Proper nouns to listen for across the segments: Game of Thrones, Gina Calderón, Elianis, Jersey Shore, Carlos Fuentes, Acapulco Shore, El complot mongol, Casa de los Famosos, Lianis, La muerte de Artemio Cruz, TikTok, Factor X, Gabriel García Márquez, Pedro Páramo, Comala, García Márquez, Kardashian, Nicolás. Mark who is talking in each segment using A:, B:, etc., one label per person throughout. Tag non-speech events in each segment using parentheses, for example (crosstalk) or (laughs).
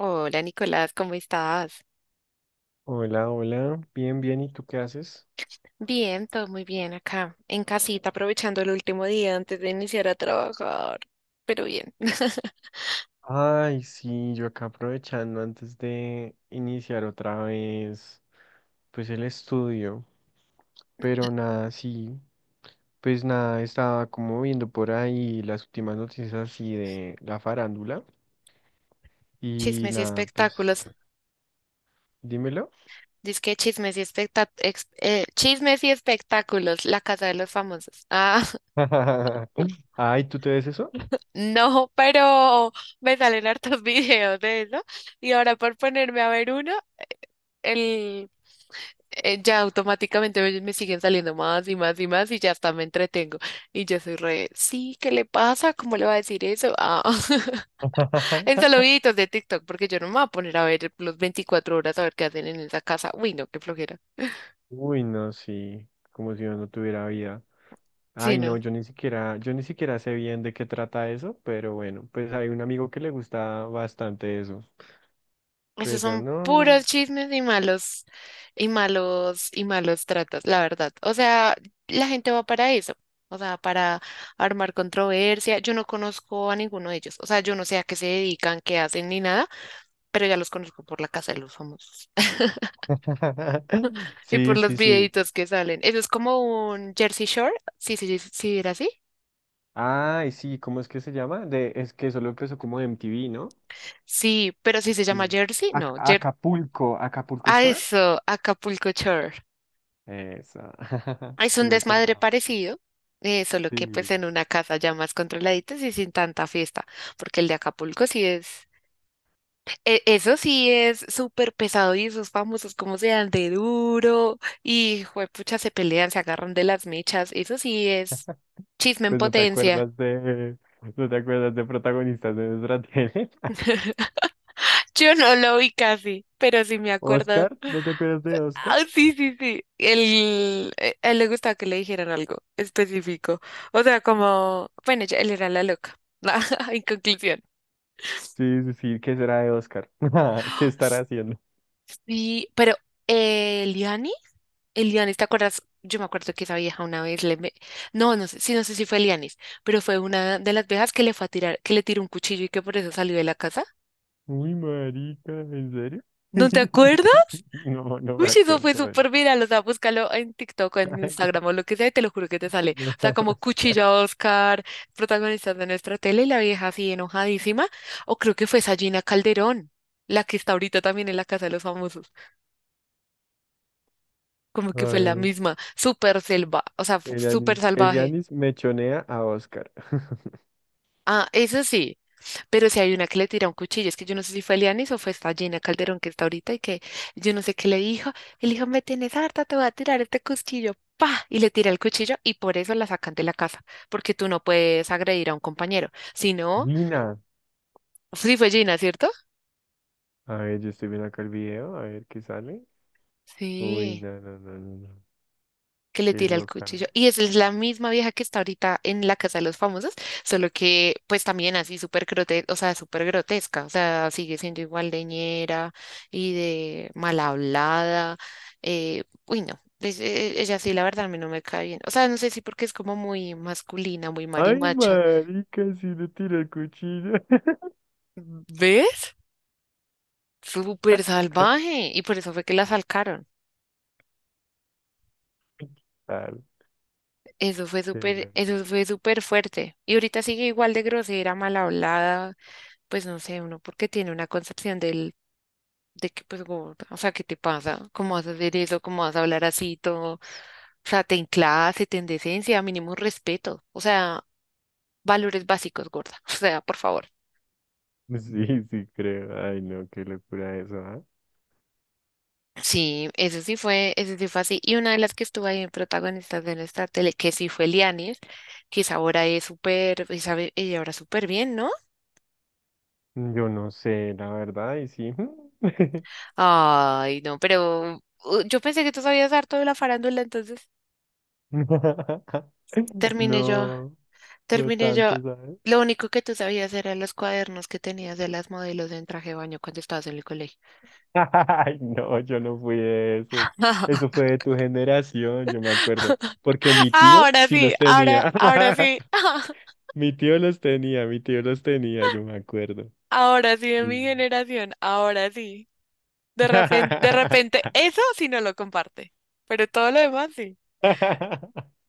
A: Hola Nicolás, ¿cómo estás?
B: Hola, hola. Bien, bien. ¿Y tú qué haces?
A: Bien, todo muy bien acá, en casita, aprovechando el último día antes de iniciar a trabajar, pero bien. (laughs)
B: Ay, sí, yo acá aprovechando antes de iniciar otra vez, pues el estudio. Pero nada, sí. Pues nada, estaba como viendo por ahí las últimas noticias así de la farándula. Y
A: Chismes y
B: nada, pues
A: espectáculos,
B: dímelo.
A: que chismes y espectáculos, la casa de los famosos. Ah,
B: (laughs) Ay, ¿tú te ves eso?
A: (laughs) no, pero me salen hartos (laughs) videos de eso y ahora por ponerme a ver uno, el ya automáticamente me siguen saliendo más y más y más y ya hasta me entretengo. Y yo soy re, sí, ¿qué le pasa? ¿Cómo le va a decir eso? Ah, (laughs) en solo
B: (laughs)
A: videitos de TikTok, porque yo no me voy a poner a ver los 24 horas a ver qué hacen en esa casa. Uy, no, qué flojera.
B: Uy, no, sí. Como si yo no tuviera vida.
A: Sí,
B: Ay, no,
A: no.
B: yo ni siquiera sé bien de qué trata eso, pero bueno, pues hay un amigo que le gusta bastante eso,
A: Esos
B: pero
A: son
B: no.
A: puros chismes y malos, y malos tratos, la verdad. O sea, la gente va para eso. O sea, para armar controversia. Yo no conozco a ninguno de ellos. O sea, yo no sé a qué se dedican, qué hacen ni nada, pero ya los conozco por la casa de los famosos
B: (laughs)
A: (laughs) y por
B: Sí,
A: los
B: sí, sí.
A: videitos que salen. Eso es como un Jersey Shore. Sí, sí, sí, sí, era así.
B: Ay, sí, ¿cómo es que se llama? De, es que solo empezó como MTV, ¿no?
A: Sí, pero si se llama
B: Sí.
A: Jersey, no. Jer
B: Acapulco, Acapulco
A: ah,
B: Shore.
A: eso, Acapulco Shore.
B: Esa. (laughs)
A: Es
B: Sí
A: un
B: me
A: desmadre
B: acordaba.
A: parecido, solo que pues
B: Sí.
A: en una casa ya más controladitas y sin tanta fiesta, porque el de Acapulco sí es, eso sí es súper pesado y esos famosos como se dan de duro y juepucha se pelean, se agarran de las mechas, eso sí es chisme en
B: Pues no te
A: potencia.
B: acuerdas de, no te acuerdas de protagonistas de nuestra tele. (laughs)
A: Yo no lo vi casi, pero sí me acuerdo.
B: Oscar, ¿no te acuerdas de Oscar?
A: Ah, sí, sí, sí. Él, a él le gustaba que le dijeran algo específico. O sea, como, bueno, él era la loca. (laughs) En conclusión.
B: Sí, sí, sí, ¿qué será de Oscar? (laughs) ¿Qué estará haciendo?
A: Sí, pero eh, Eliani, Elianis, ¿te acuerdas? Yo me acuerdo que esa vieja una vez no, no sé, sí, no sé si fue Elianis, pero fue una de las viejas que le fue a tirar, que le tiró un cuchillo y que por eso salió de la casa.
B: Uy, marica, ¿en serio?
A: ¿No te acuerdas?
B: (laughs) No, no
A: Uy,
B: me
A: sí, eso fue
B: acuerdo de él.
A: súper viral, o sea, búscalo en TikTok o en
B: (laughs) Ay,
A: Instagram o lo que sea y te lo juro que te sale. O sea,
B: la
A: como
B: Oscar.
A: cuchillo a Oscar, protagonistas de nuestra tele y la vieja así enojadísima. O creo que fue Sagina Calderón, la que está ahorita también en la Casa de los Famosos. Como
B: A
A: que fue la
B: ver,
A: misma, súper selva, o sea, súper salvaje.
B: Elianis mechonea a Oscar. (laughs)
A: Ah, eso sí, pero si hay una que le tira un cuchillo, es que yo no sé si fue Lianis o fue esta Gina Calderón que está ahorita y que yo no sé qué le dijo. Y le dijo, me tienes harta, te voy a tirar este cuchillo. ¡Pa! Y le tira el cuchillo y por eso la sacan de la casa, porque tú no puedes agredir a un compañero. Si no,
B: Nina.
A: sí fue Gina, ¿cierto?
B: A ver, yo estoy viendo acá el video, a ver qué sale. Uy,
A: Sí,
B: no, no, no, no, no.
A: que le
B: Qué
A: tira el
B: loca.
A: cuchillo. Y esa es la misma vieja que está ahorita en la Casa de los Famosos, solo que pues también así súper grotesca, o sea, súper grotesca, o sea, sigue siendo igual de ñera y de mal hablada. Uy, no, ella sí, la verdad, a mí no me cae bien. O sea, no sé si porque es como muy masculina, muy
B: Ay,
A: marimacha.
B: marica, si le tira el cuchillo.
A: ¿Ves? Súper
B: (laughs)
A: salvaje. Y por eso fue que la salcaron.
B: Tal, qué loco.
A: Eso fue súper fuerte. Y ahorita sigue igual de grosera, mal hablada. Pues no sé, uno porque tiene una concepción del, de que pues gorda, o sea, ¿qué te pasa? ¿Cómo vas a hacer eso? ¿Cómo vas a hablar así todo? O sea, ten clase, ten decencia, mínimo respeto, o sea, valores básicos, gorda, (laughs) o sea, por favor.
B: Sí, sí, creo. Ay, no, qué locura eso, ¿ah?
A: Sí, eso sí fue así. Y una de las que estuvo ahí en protagonistas de nuestra tele, que sí fue Lianis, que esa ahora es súper, y sabe, ella ahora súper bien, ¿no?
B: Yo no sé, la verdad, y sí. (laughs)
A: Ay, no, pero yo pensé que tú sabías dar todo de la farándula, entonces terminé yo.
B: No, no
A: Terminé yo.
B: tanto, ¿sabes?
A: Lo único que tú sabías eran los cuadernos que tenías de las modelos en traje de baño cuando estabas en el colegio.
B: (laughs) Ay, no, yo no fui de esos. Eso fue
A: (laughs)
B: de tu generación, yo me acuerdo. Porque mi tío
A: Ahora
B: sí
A: sí,
B: los tenía.
A: ahora sí,
B: (laughs)
A: (laughs)
B: Mi tío los tenía, yo me acuerdo.
A: ahora sí de mi
B: Sí.
A: generación, ahora sí. De repente,
B: (laughs)
A: eso sí no lo comparte, pero todo lo demás sí.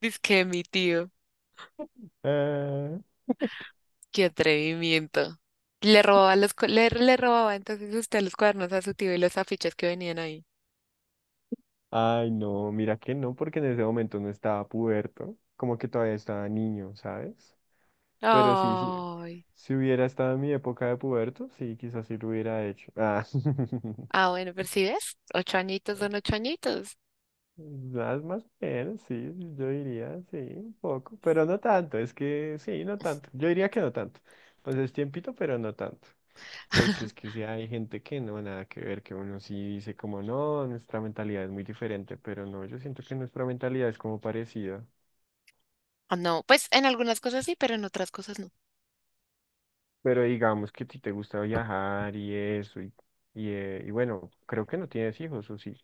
A: Dice que mi tío,
B: Ah,
A: qué atrevimiento. Le robaba entonces usted los cuadernos a su tío y los afiches que venían ahí.
B: Ay, no, mira que no, porque en ese momento no estaba puberto, como que todavía estaba niño, ¿sabes? Pero sí, sí.
A: Ay.
B: Si hubiera estado en mi época de puberto, sí, quizás sí lo hubiera hecho. Ah. (laughs)
A: Ah, bueno, pero si ves, ocho añitos son ocho añitos.
B: Más, más o menos, sí, yo diría, sí, un poco, pero no tanto, es que sí, no tanto. Yo diría que no tanto. Pues es tiempito, pero no tanto. Porque es que sí hay gente que no, nada que ver, que uno sí dice como, no, nuestra mentalidad es muy diferente, pero no, yo siento que nuestra mentalidad es como parecida.
A: Ah, no, pues en algunas cosas sí, pero en otras cosas no.
B: Pero digamos que a ti te gusta viajar y eso, y bueno, creo que no tienes hijos, ¿o sí?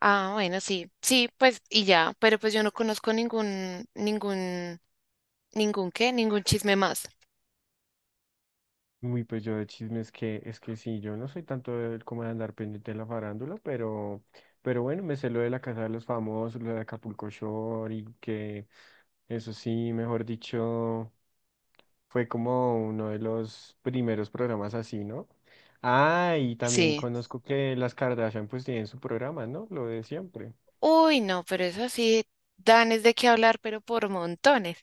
A: Ah, bueno, sí, sí, pues y ya, pero pues yo no conozco ningún qué, ningún chisme más.
B: Uy, pues yo de chisme es que sí, yo no soy tanto de- como de andar pendiente de la farándula, pero bueno, me sé lo de la Casa de los Famosos, lo de Acapulco Shore y que eso sí, mejor dicho, fue como uno de los primeros programas así, ¿no? Ah, y también
A: Sí.
B: conozco que las Kardashian pues tienen su programa, ¿no? Lo de siempre.
A: Uy, no, pero eso sí, dan es de qué hablar, pero por montones.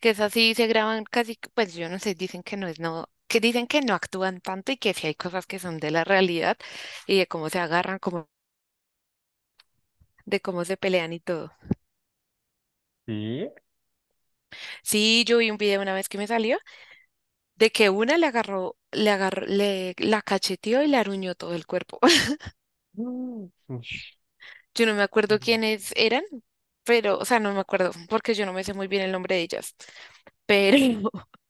A: Que es así, se graban casi, pues yo no sé, dicen que no es no, que dicen que no actúan tanto y que sí hay cosas que son de la realidad y de cómo se agarran, de cómo se pelean y todo.
B: Sí.
A: Sí, yo vi un video una vez que me salió, de que una le agarró, le agarró, le la cacheteó y le aruñó todo el cuerpo. (laughs)
B: Mm, ush.
A: Yo no me acuerdo quiénes eran, pero, o sea, no me acuerdo, porque yo no me sé muy bien el nombre de ellas. Pero, (laughs)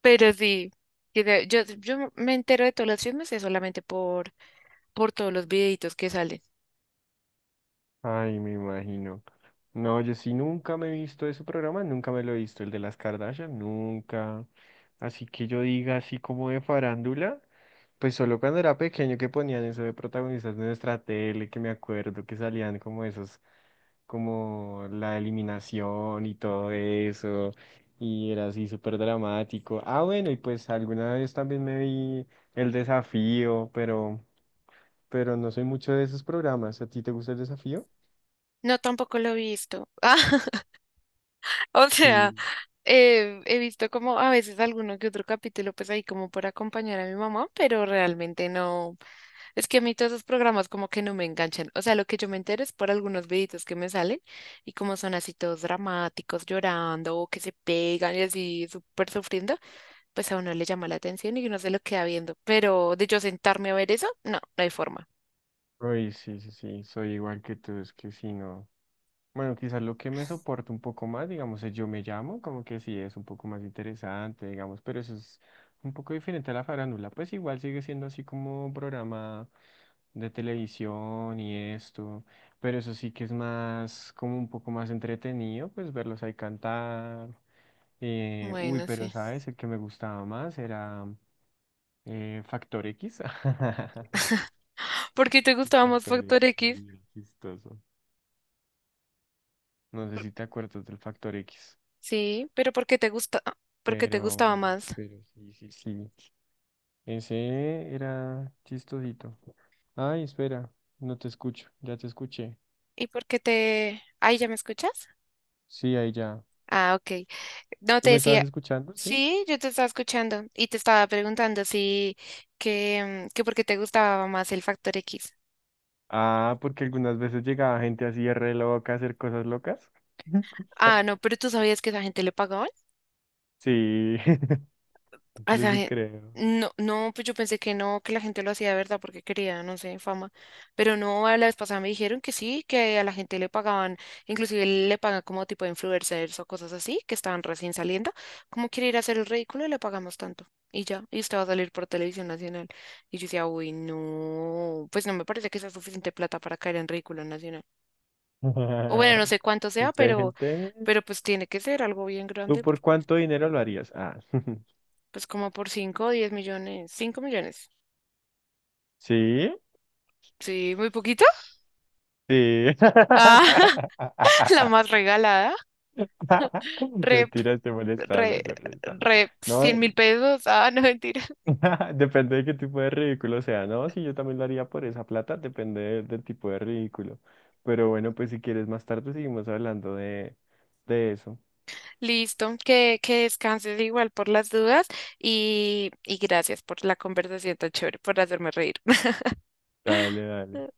A: pero sí, yo, yo me entero de todos los chismes es solamente por todos los videitos que salen.
B: Ay, me imagino. No, yo sí nunca me he visto ese programa, nunca me lo he visto, el de las Kardashian, nunca. Así que yo diga así como de farándula, pues solo cuando era pequeño que ponían eso de protagonistas de nuestra tele, que me acuerdo que salían como esos, como la eliminación y todo eso, y era así súper dramático. Ah, bueno, y pues alguna vez también me vi el desafío, pero no soy mucho de esos programas. ¿A ti te gusta el desafío?
A: No, tampoco lo he visto. (laughs) Ah, o sea,
B: Sí,
A: he visto como a veces alguno que otro capítulo, pues ahí como por acompañar a mi mamá, pero realmente no. Es que a mí todos esos programas como que no me enganchan. O sea, lo que yo me entero es por algunos videitos que me salen y como son así todos dramáticos, llorando o que se pegan y así súper sufriendo, pues a uno le llama la atención y uno se lo queda viendo. Pero de yo sentarme a ver eso, no, no hay forma.
B: uy, sí, sí, sí, soy igual que tú, es que sí no. Bueno, quizás lo que me soporta un poco más, digamos, es yo me llamo, como que sí es un poco más interesante, digamos, pero eso es un poco diferente a la farándula, pues igual sigue siendo así como un programa de televisión y esto, pero eso sí que es más, como un poco más entretenido, pues verlos ahí cantar. Uy,
A: Bueno,
B: pero
A: sí.
B: sabes, el que me gustaba más era Factor X. (laughs)
A: ¿Por qué te gustaba más
B: Factor
A: Factor
B: X,
A: X?
B: sí, era chistoso. No sé si te acuerdas del factor X,
A: Sí, pero ¿por qué te gusta? ¿Por qué te gustaba más?
B: pero sí, sí, sí. Ese era chistosito. Ay, espera, no te escucho, ya te escuché.
A: Ay, ¿ya me escuchas?
B: Sí, ahí ya.
A: Ah, ok. No
B: ¿Tú
A: te
B: me estabas
A: decía,
B: escuchando? Sí.
A: sí, yo te estaba escuchando y te estaba preguntando si que por qué te gustaba más el Factor X.
B: Ah, porque algunas veces llegaba gente así re loca a hacer cosas locas.
A: Ah, no,
B: (laughs)
A: pero tú sabías que esa gente le pagaban.
B: Sí, (laughs)
A: A
B: yo
A: esa
B: sí
A: gen-
B: creo.
A: No, no, pues yo pensé que no, que la gente lo hacía de verdad porque quería, no sé, fama. Pero no, a la vez pasada me dijeron que sí, que a la gente le pagaban, inclusive le pagan como tipo de influencers o cosas así, que estaban recién saliendo. ¿Cómo quiere ir a hacer el ridículo? Le pagamos tanto. Y ya, y usted va a salir por televisión nacional. Y yo decía, uy, no, pues no me parece que sea suficiente plata para caer en ridículo nacional. O bueno, no
B: (laughs)
A: sé cuánto sea,
B: Es que hay gente.
A: pero pues tiene que ser algo bien
B: ¿Tú
A: grande,
B: por cuánto dinero lo harías? Ah, (laughs)
A: pues como por 5, o 10 millones, 5 millones.
B: sí,
A: Sí, muy poquito.
B: sí.
A: Ah, (laughs) la
B: (laughs)
A: más regalada.
B: (laughs)
A: Rep,
B: Mentira, estoy molestando,
A: re,
B: estoy molestando. No,
A: 100.000 pesos. Ah, no, mentira.
B: (laughs) depende de qué tipo de ridículo sea. No, sí, yo también lo haría por esa plata, depende del tipo de ridículo. Pero bueno, pues si quieres más tarde seguimos hablando de eso.
A: Listo, que descanses igual por las dudas y gracias por la conversación tan chévere, por hacerme reír.
B: Dale, dale.
A: (laughs)